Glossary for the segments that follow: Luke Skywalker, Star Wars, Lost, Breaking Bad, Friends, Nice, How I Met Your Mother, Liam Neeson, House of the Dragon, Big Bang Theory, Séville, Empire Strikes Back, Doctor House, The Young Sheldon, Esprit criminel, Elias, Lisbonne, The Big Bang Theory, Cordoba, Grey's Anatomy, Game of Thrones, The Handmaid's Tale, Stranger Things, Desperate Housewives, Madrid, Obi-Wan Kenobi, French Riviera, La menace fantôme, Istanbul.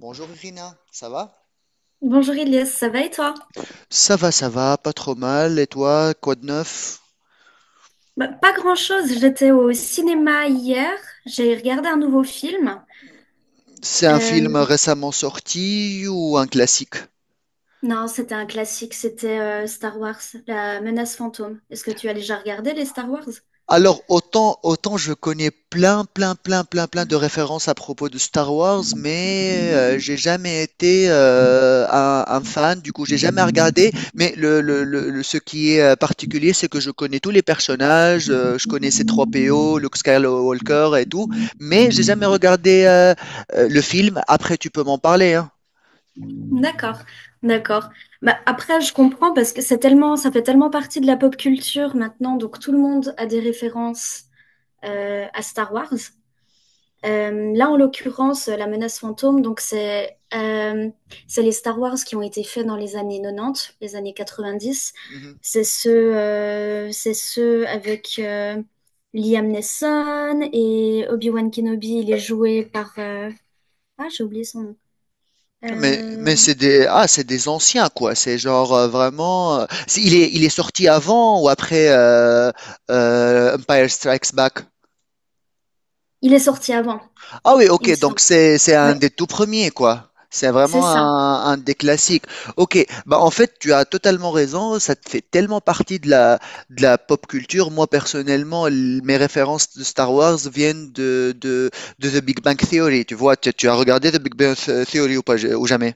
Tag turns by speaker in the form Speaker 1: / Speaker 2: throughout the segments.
Speaker 1: Bonjour Irina, ça va?
Speaker 2: Bonjour Elias, ça va et toi?
Speaker 1: Ça va, ça va, pas trop mal. Et toi, quoi de neuf?
Speaker 2: Bah, pas grand-chose, j'étais au cinéma hier, j'ai regardé un nouveau film.
Speaker 1: C'est un film
Speaker 2: Euh,
Speaker 1: récemment sorti ou un classique?
Speaker 2: non, c'était un classique, c'était Star Wars, La menace fantôme. Est-ce que tu as déjà regardé les Star Wars?
Speaker 1: Alors, autant je connais plein, plein, plein, plein, plein de références à propos de Star Wars, mais j'ai jamais été un fan, du coup, j'ai jamais regardé. Mais ce qui est particulier, c'est que je connais tous les personnages, je connais ces trois po Luke Skywalker et tout, mais j'ai jamais regardé le film. Après, tu peux m'en parler, hein.
Speaker 2: D'accord, d'accord. Bah, après, je comprends parce que c'est tellement, ça fait tellement partie de la pop culture maintenant, donc tout le monde a des références à Star Wars. Là, en l'occurrence, la menace fantôme, donc c'est les Star Wars qui ont été faits dans les années 90, les années 90.
Speaker 1: Mhm.
Speaker 2: C'est ceux avec Liam Neeson et Obi-Wan Kenobi. Il est joué par, ah, j'ai oublié son nom.
Speaker 1: Mais,
Speaker 2: Euh,
Speaker 1: mais c'est des anciens, quoi. C'est genre vraiment. Il est sorti avant ou après Empire Strikes Back?
Speaker 2: Il est sorti avant,
Speaker 1: Ah oui,
Speaker 2: il me
Speaker 1: ok, donc
Speaker 2: semble.
Speaker 1: c'est un
Speaker 2: Ouais,
Speaker 1: des tout premiers, quoi. C'est
Speaker 2: c'est
Speaker 1: vraiment
Speaker 2: ça.
Speaker 1: un des classiques. Ok, bah en fait, tu as totalement raison, ça te fait tellement partie de la pop culture. Moi, personnellement, mes références de Star Wars viennent de The Big Bang Theory. Tu vois, tu as regardé The Big Bang Theory ou pas, ou jamais?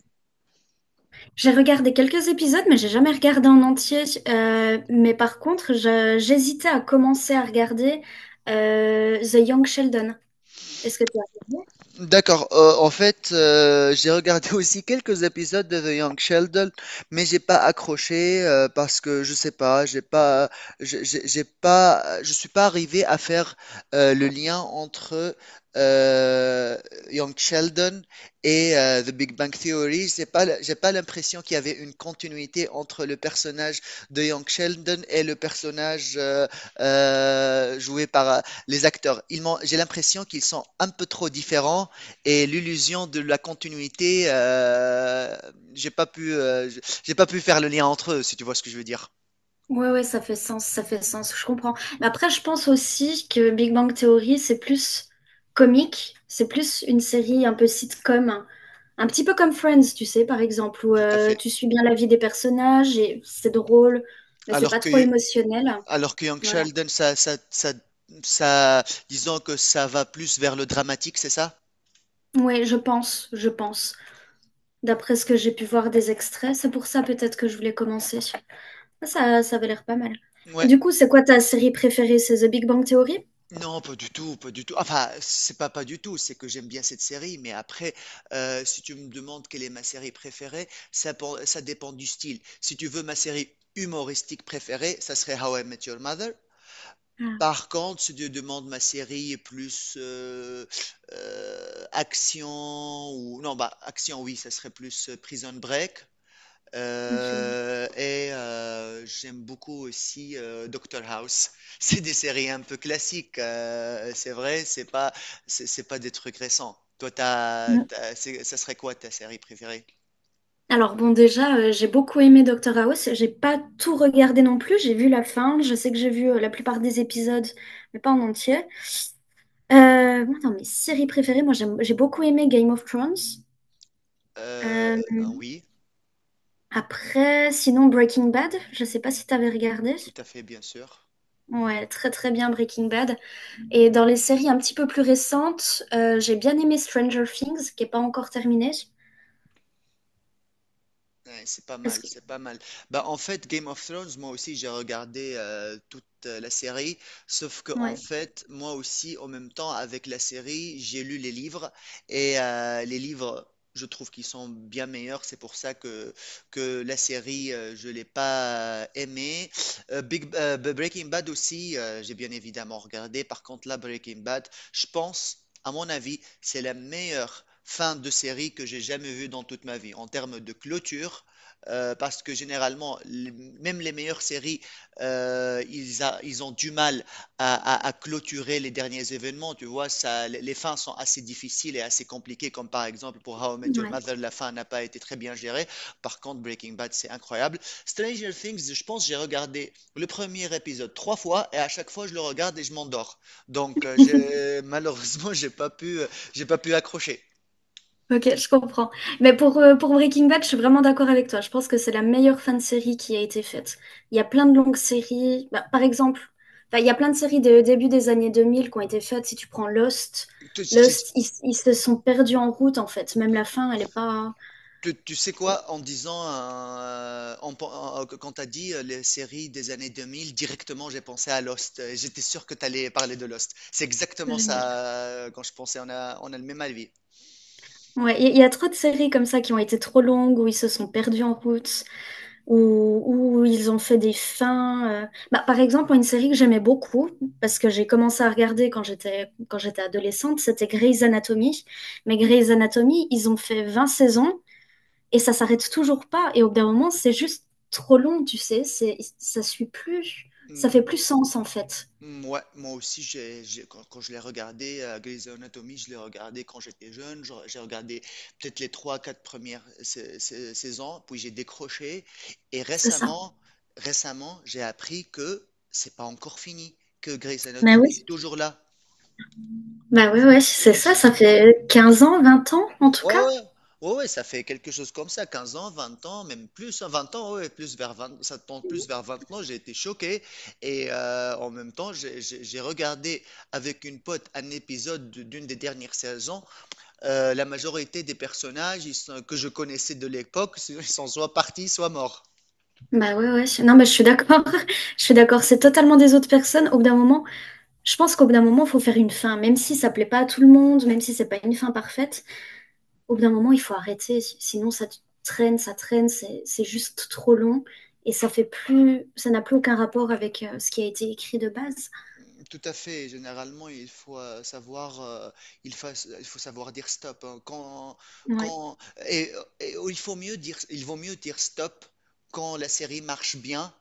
Speaker 2: J'ai regardé quelques épisodes, mais j'ai jamais regardé en entier. Mais par contre, j'hésitais à commencer à regarder The Young Sheldon. Est-ce que tu as regardé?
Speaker 1: D'accord. En fait, j'ai regardé aussi quelques épisodes de The Young Sheldon, mais j'ai pas accroché parce que je sais pas, j'ai pas, je suis pas arrivé à faire le lien entre euh, Young Sheldon et The Big Bang Theory. J'ai pas l'impression qu'il y avait une continuité entre le personnage de Young Sheldon et le personnage joué par les acteurs. J'ai l'impression qu'ils sont un peu trop différents et l'illusion de la continuité, j'ai pas pu, euh, j'ai pas pu faire le lien entre eux, si tu vois ce que je veux dire.
Speaker 2: Ouais, ouais, ça fait sens, je comprends. Mais après, je pense aussi que Big Bang Theory, c'est plus comique, c'est plus une série un peu sitcom, un petit peu comme Friends, tu sais, par exemple, où
Speaker 1: Tout à fait.
Speaker 2: tu suis bien la vie des personnages et c'est drôle, mais c'est
Speaker 1: Alors
Speaker 2: pas
Speaker 1: que,
Speaker 2: trop émotionnel.
Speaker 1: alors que Young
Speaker 2: Voilà.
Speaker 1: Sheldon, ça, disons que ça va plus vers le dramatique, c'est ça?
Speaker 2: Ouais, je pense, je pense. D'après ce que j'ai pu voir des extraits, c'est pour ça peut-être que je voulais commencer. Ça avait l'air pas mal.
Speaker 1: Ouais.
Speaker 2: Du coup, c'est quoi ta série préférée? C'est The Big Bang Theory?
Speaker 1: Non, pas du tout, pas du tout. Enfin, c'est pas du tout, c'est que j'aime bien cette série, mais après, si tu me demandes quelle est ma série préférée, ça dépend du style. Si tu veux ma série humoristique préférée, ça serait How I Met Your Mother.
Speaker 2: Ah,
Speaker 1: Par contre, si tu demandes ma série est plus action ou non bah action oui, ça serait plus Prison Break.
Speaker 2: génial.
Speaker 1: Et j'aime beaucoup aussi Doctor House. C'est des séries un peu classiques, c'est vrai, c'est pas des trucs récents. Toi,
Speaker 2: Mm.
Speaker 1: ça serait quoi ta série préférée?
Speaker 2: Alors bon, déjà, j'ai beaucoup aimé Doctor House. J'ai pas tout regardé non plus. J'ai vu la fin. Je sais que j'ai vu la plupart des épisodes, mais pas en entier. Moi, dans mes séries préférées, moi, j'ai beaucoup aimé Game of Thrones.
Speaker 1: Euh,
Speaker 2: Euh,
Speaker 1: oui,
Speaker 2: Après, sinon Breaking Bad. Je sais pas si t'avais regardé.
Speaker 1: tout à fait, bien sûr.
Speaker 2: Ouais, très très bien Breaking Bad. Et dans les séries un petit peu plus récentes, j'ai bien aimé Stranger Things, qui n'est pas encore terminée.
Speaker 1: Ouais, c'est pas
Speaker 2: Est-ce
Speaker 1: mal,
Speaker 2: que...
Speaker 1: c'est pas mal. Bah, en fait, Game of Thrones, moi aussi, j'ai regardé toute la série, sauf que en
Speaker 2: Ouais,
Speaker 1: fait, moi aussi, en même temps, avec la série, j'ai lu les livres, et les livres, je trouve qu'ils sont bien meilleurs, c'est pour ça que la série, je l'ai pas aimée. Breaking Bad aussi, j'ai bien évidemment regardé, par contre, là, Breaking Bad, je pense, à mon avis, c'est la meilleure fin de série que j'ai jamais vue dans toute ma vie en termes de clôture, parce que généralement, même les meilleures séries, ils ont du mal à clôturer les derniers événements. Tu vois, ça, les fins sont assez difficiles et assez compliquées, comme par exemple pour How I Met Your
Speaker 2: ouais.
Speaker 1: Mother, la fin n'a pas été très bien gérée. Par contre, Breaking Bad, c'est incroyable. Stranger Things, je pense, j'ai regardé le premier épisode trois fois et à chaque fois, je le regarde et je m'endors. Donc, malheureusement, j'ai pas pu accrocher.
Speaker 2: Ok, je comprends. Mais pour Breaking Bad, je suis vraiment d'accord avec toi. Je pense que c'est la meilleure fin de série qui a été faite. Il y a plein de longues séries. Bah, par exemple, bah, il y a plein de séries de début des années 2000 qui ont été faites. Si tu prends Lost,
Speaker 1: Tu, j'ai-
Speaker 2: Lost, ils se sont perdus en route, en fait. Même la fin, elle n'est pas
Speaker 1: tu sais quoi, en disant, en pen- en- quand tu as dit les séries des années 2000, directement, j'ai pensé à Lost. J'étais sûr que tu allais parler de Lost. C'est exactement
Speaker 2: géniale.
Speaker 1: ça, quand je pensais, on a le même avis.
Speaker 2: Ouais, il y a trop de séries comme ça qui ont été trop longues, où ils se sont perdus en route. où, où ils ont fait des fins. Bah, par exemple, une série que j'aimais beaucoup, parce que j'ai commencé à regarder quand j'étais adolescente, c'était Grey's Anatomy. Mais Grey's Anatomy, ils ont fait 20 saisons et ça s'arrête toujours pas. Et au bout d'un moment, c'est juste trop long, tu sais. C'est, ça suit plus. Ça
Speaker 1: Hmm.
Speaker 2: fait plus sens, en fait.
Speaker 1: Mm, ouais, moi aussi, quand je l'ai regardé, Grey's Anatomy, je l'ai regardé quand j'étais jeune. J'ai regardé peut-être les trois, quatre premières saisons, puis j'ai décroché. Et
Speaker 2: C'est ça.
Speaker 1: récemment, récemment, j'ai appris que c'est pas encore fini, que Grey's
Speaker 2: Bah
Speaker 1: Anatomy
Speaker 2: oui.
Speaker 1: est toujours là.
Speaker 2: Bah oui, ouais, c'est ça. Ça fait 15 ans, 20 ans, en tout
Speaker 1: Ouais,
Speaker 2: cas.
Speaker 1: ouais, ouais, ouais, ça fait quelque chose comme ça, 15 ans, 20 ans, même plus, hein, 20 ans, ouais, plus vers 20, ça tombe plus vers 20 ans, j'ai été choqué. Et en même temps, j'ai regardé avec une pote un épisode d'une des dernières saisons. La majorité des personnages que je connaissais de l'époque, ils sont soit partis, soit morts.
Speaker 2: Bah ouais, ouais. Non, mais je suis d'accord. Je suis d'accord. C'est totalement des autres personnes. Au bout d'un moment, je pense qu'au bout d'un moment, il faut faire une fin, même si ça plaît pas à tout le monde, même si c'est pas une fin parfaite. Au bout d'un moment, il faut arrêter. Si, Sinon ça traîne, c'est juste trop long et ça fait plus, ça n'a plus aucun rapport avec ce qui a été écrit de base.
Speaker 1: Tout à fait. Généralement, il faut savoir, il faut, il faut savoir dire stop, hein. Quand,
Speaker 2: Ouais.
Speaker 1: quand, et, et il vaut mieux dire stop quand la série marche bien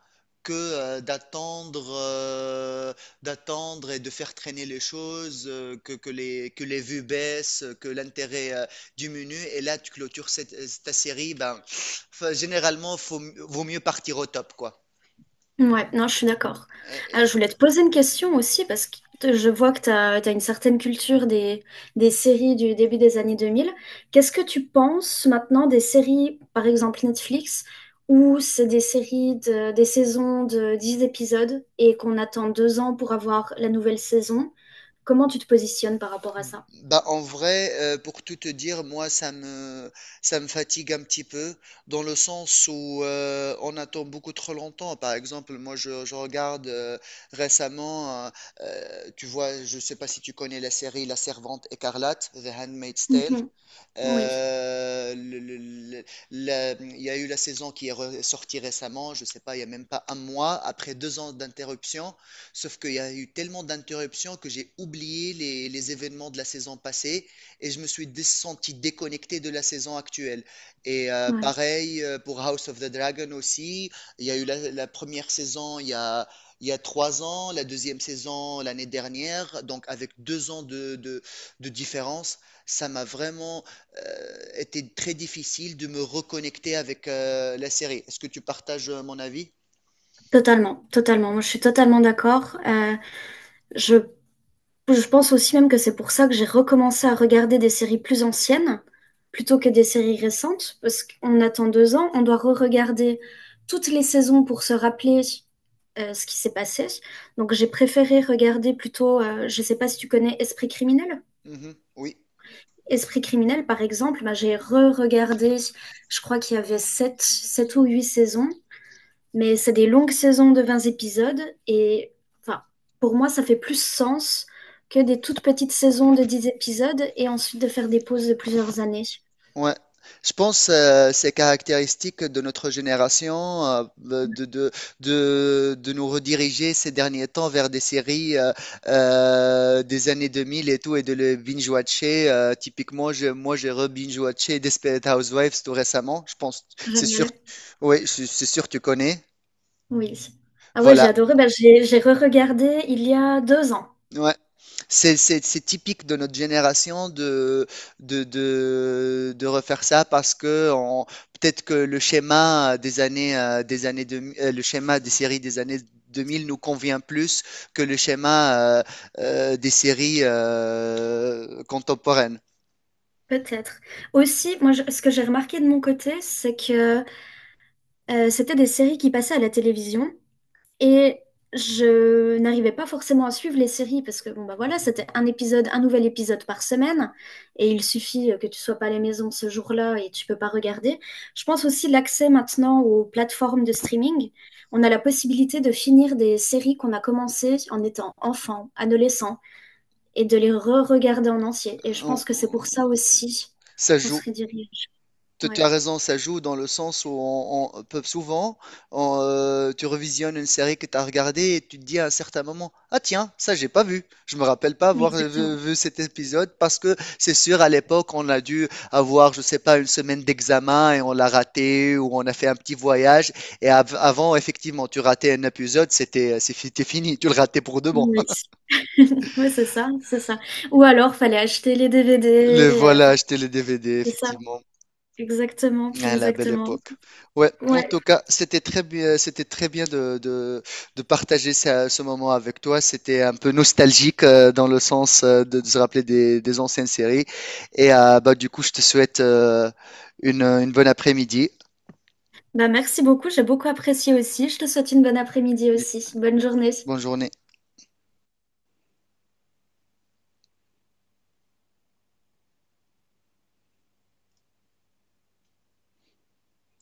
Speaker 1: que d'attendre et de faire traîner les choses, que les vues baissent, que l'intérêt diminue. Et là, tu clôtures cette, ta série. Ben, généralement, vaut mieux partir au top, quoi.
Speaker 2: Ouais, non, je suis d'accord. Ah, je voulais te poser une question aussi parce que je vois que tu as une certaine culture des séries du début des années 2000. Qu'est-ce que tu penses maintenant des séries, par exemple Netflix, où c'est des séries, des saisons de 10 épisodes et qu'on attend 2 ans pour avoir la nouvelle saison? Comment tu te positionnes par rapport à ça?
Speaker 1: Bah, en vrai, pour tout te dire, moi, ça me fatigue un petit peu, dans le sens où on attend beaucoup trop longtemps. Par exemple, moi, je regarde récemment, tu vois, je sais pas si tu connais la série La Servante écarlate, The Handmaid's Tale.
Speaker 2: Mhm. Oui,
Speaker 1: Euh, le- le- le- il y a eu la saison qui est sortie récemment, je sais pas, il y a même pas un mois, après 2 ans d'interruption. Sauf qu'il y a eu tellement d'interruptions que j'ai oublié les événements de la saison passée et je me suis senti déconnecté de la saison actuelle. Et
Speaker 2: ouais.
Speaker 1: pareil pour House of the Dragon aussi. Il y a eu la première saison il y a 3 ans, la deuxième saison l'année dernière, donc avec 2 ans de différence, ça m'a vraiment était très difficile de me reconnecter avec la série. Est-ce que tu partages mon avis?
Speaker 2: Totalement, totalement. Moi, je suis totalement d'accord. Je Je pense aussi même que c'est pour ça que j'ai recommencé à regarder des séries plus anciennes plutôt que des séries récentes, parce qu'on attend 2 ans, on doit re-regarder toutes les saisons pour se rappeler ce qui s'est passé. Donc j'ai préféré regarder plutôt, je ne sais pas si tu connais Esprit criminel.
Speaker 1: Mhm, oui.
Speaker 2: Esprit criminel, par exemple, bah, j'ai re-regardé, je crois qu'il y avait 7, 7 ou 8 saisons. Mais c'est des longues saisons de 20 épisodes et enfin, pour moi, ça fait plus sens que des toutes petites saisons de 10 épisodes et ensuite de faire des pauses de plusieurs années.
Speaker 1: Ouais. Je pense, c'est caractéristique de notre génération de nous rediriger ces derniers temps vers des séries des années 2000 et tout et de le binge-watcher. Typiquement, moi j'ai re-binge-watché Desperate Housewives tout récemment. Je pense, c'est sûr,
Speaker 2: Génial.
Speaker 1: oui, c'est sûr que tu connais.
Speaker 2: Oui. Ah ouais,
Speaker 1: Voilà.
Speaker 2: j'ai adoré. Bah, j'ai re-regardé il y a 2 ans,
Speaker 1: Ouais. C'est typique de notre génération de refaire ça parce que peut-être que le schéma des années 2000, le schéma des séries des années 2000 nous convient plus que le schéma des séries contemporaines.
Speaker 2: peut-être. Aussi, moi, ce que j'ai remarqué de mon côté, c'est que c'était des séries qui passaient à la télévision, et je n'arrivais pas forcément à suivre les séries parce que bon bah voilà, c'était un épisode, un nouvel épisode par semaine et il suffit que tu sois pas à la maison ce jour-là et tu peux pas regarder. Je pense aussi l'accès maintenant aux plateformes de streaming. On a la possibilité de finir des séries qu'on a commencées en étant enfant, adolescent et de les re-regarder en entier. Et je
Speaker 1: On-
Speaker 2: pense que c'est pour ça
Speaker 1: on-
Speaker 2: aussi
Speaker 1: Ça
Speaker 2: qu'on se
Speaker 1: joue.
Speaker 2: redirige.
Speaker 1: Tu
Speaker 2: Ouais,
Speaker 1: as raison, ça joue dans le sens où on peut souvent, tu revisionnes une série que tu as regardée et tu te dis à un certain moment, ah tiens, ça j'ai pas vu. Je me rappelle pas avoir vu,
Speaker 2: exactement.
Speaker 1: vu cet épisode parce que c'est sûr à l'époque on a dû avoir, je sais pas, une semaine d'examen et on l'a raté ou on a fait un petit voyage et avant effectivement tu ratais un épisode, c'était fini, tu le ratais pour de bon.
Speaker 2: Oui. Ouais, c'est ça, c'est ça. Ou alors, fallait acheter les DVD.
Speaker 1: Le voilà,
Speaker 2: Enfin,
Speaker 1: acheter les DVD
Speaker 2: c'est ça,
Speaker 1: effectivement.
Speaker 2: exactement,
Speaker 1: Ah, la belle
Speaker 2: exactement.
Speaker 1: époque. Ouais, en
Speaker 2: Ouais.
Speaker 1: tout cas, c'était très bien de partager ce moment avec toi. C'était un peu nostalgique dans le sens de se rappeler des anciennes séries. Et bah, du coup, je te souhaite une bonne après-midi.
Speaker 2: Bah, merci beaucoup, j'ai beaucoup apprécié aussi. Je te souhaite une bonne après-midi aussi. Bonne journée.
Speaker 1: Bonne journée.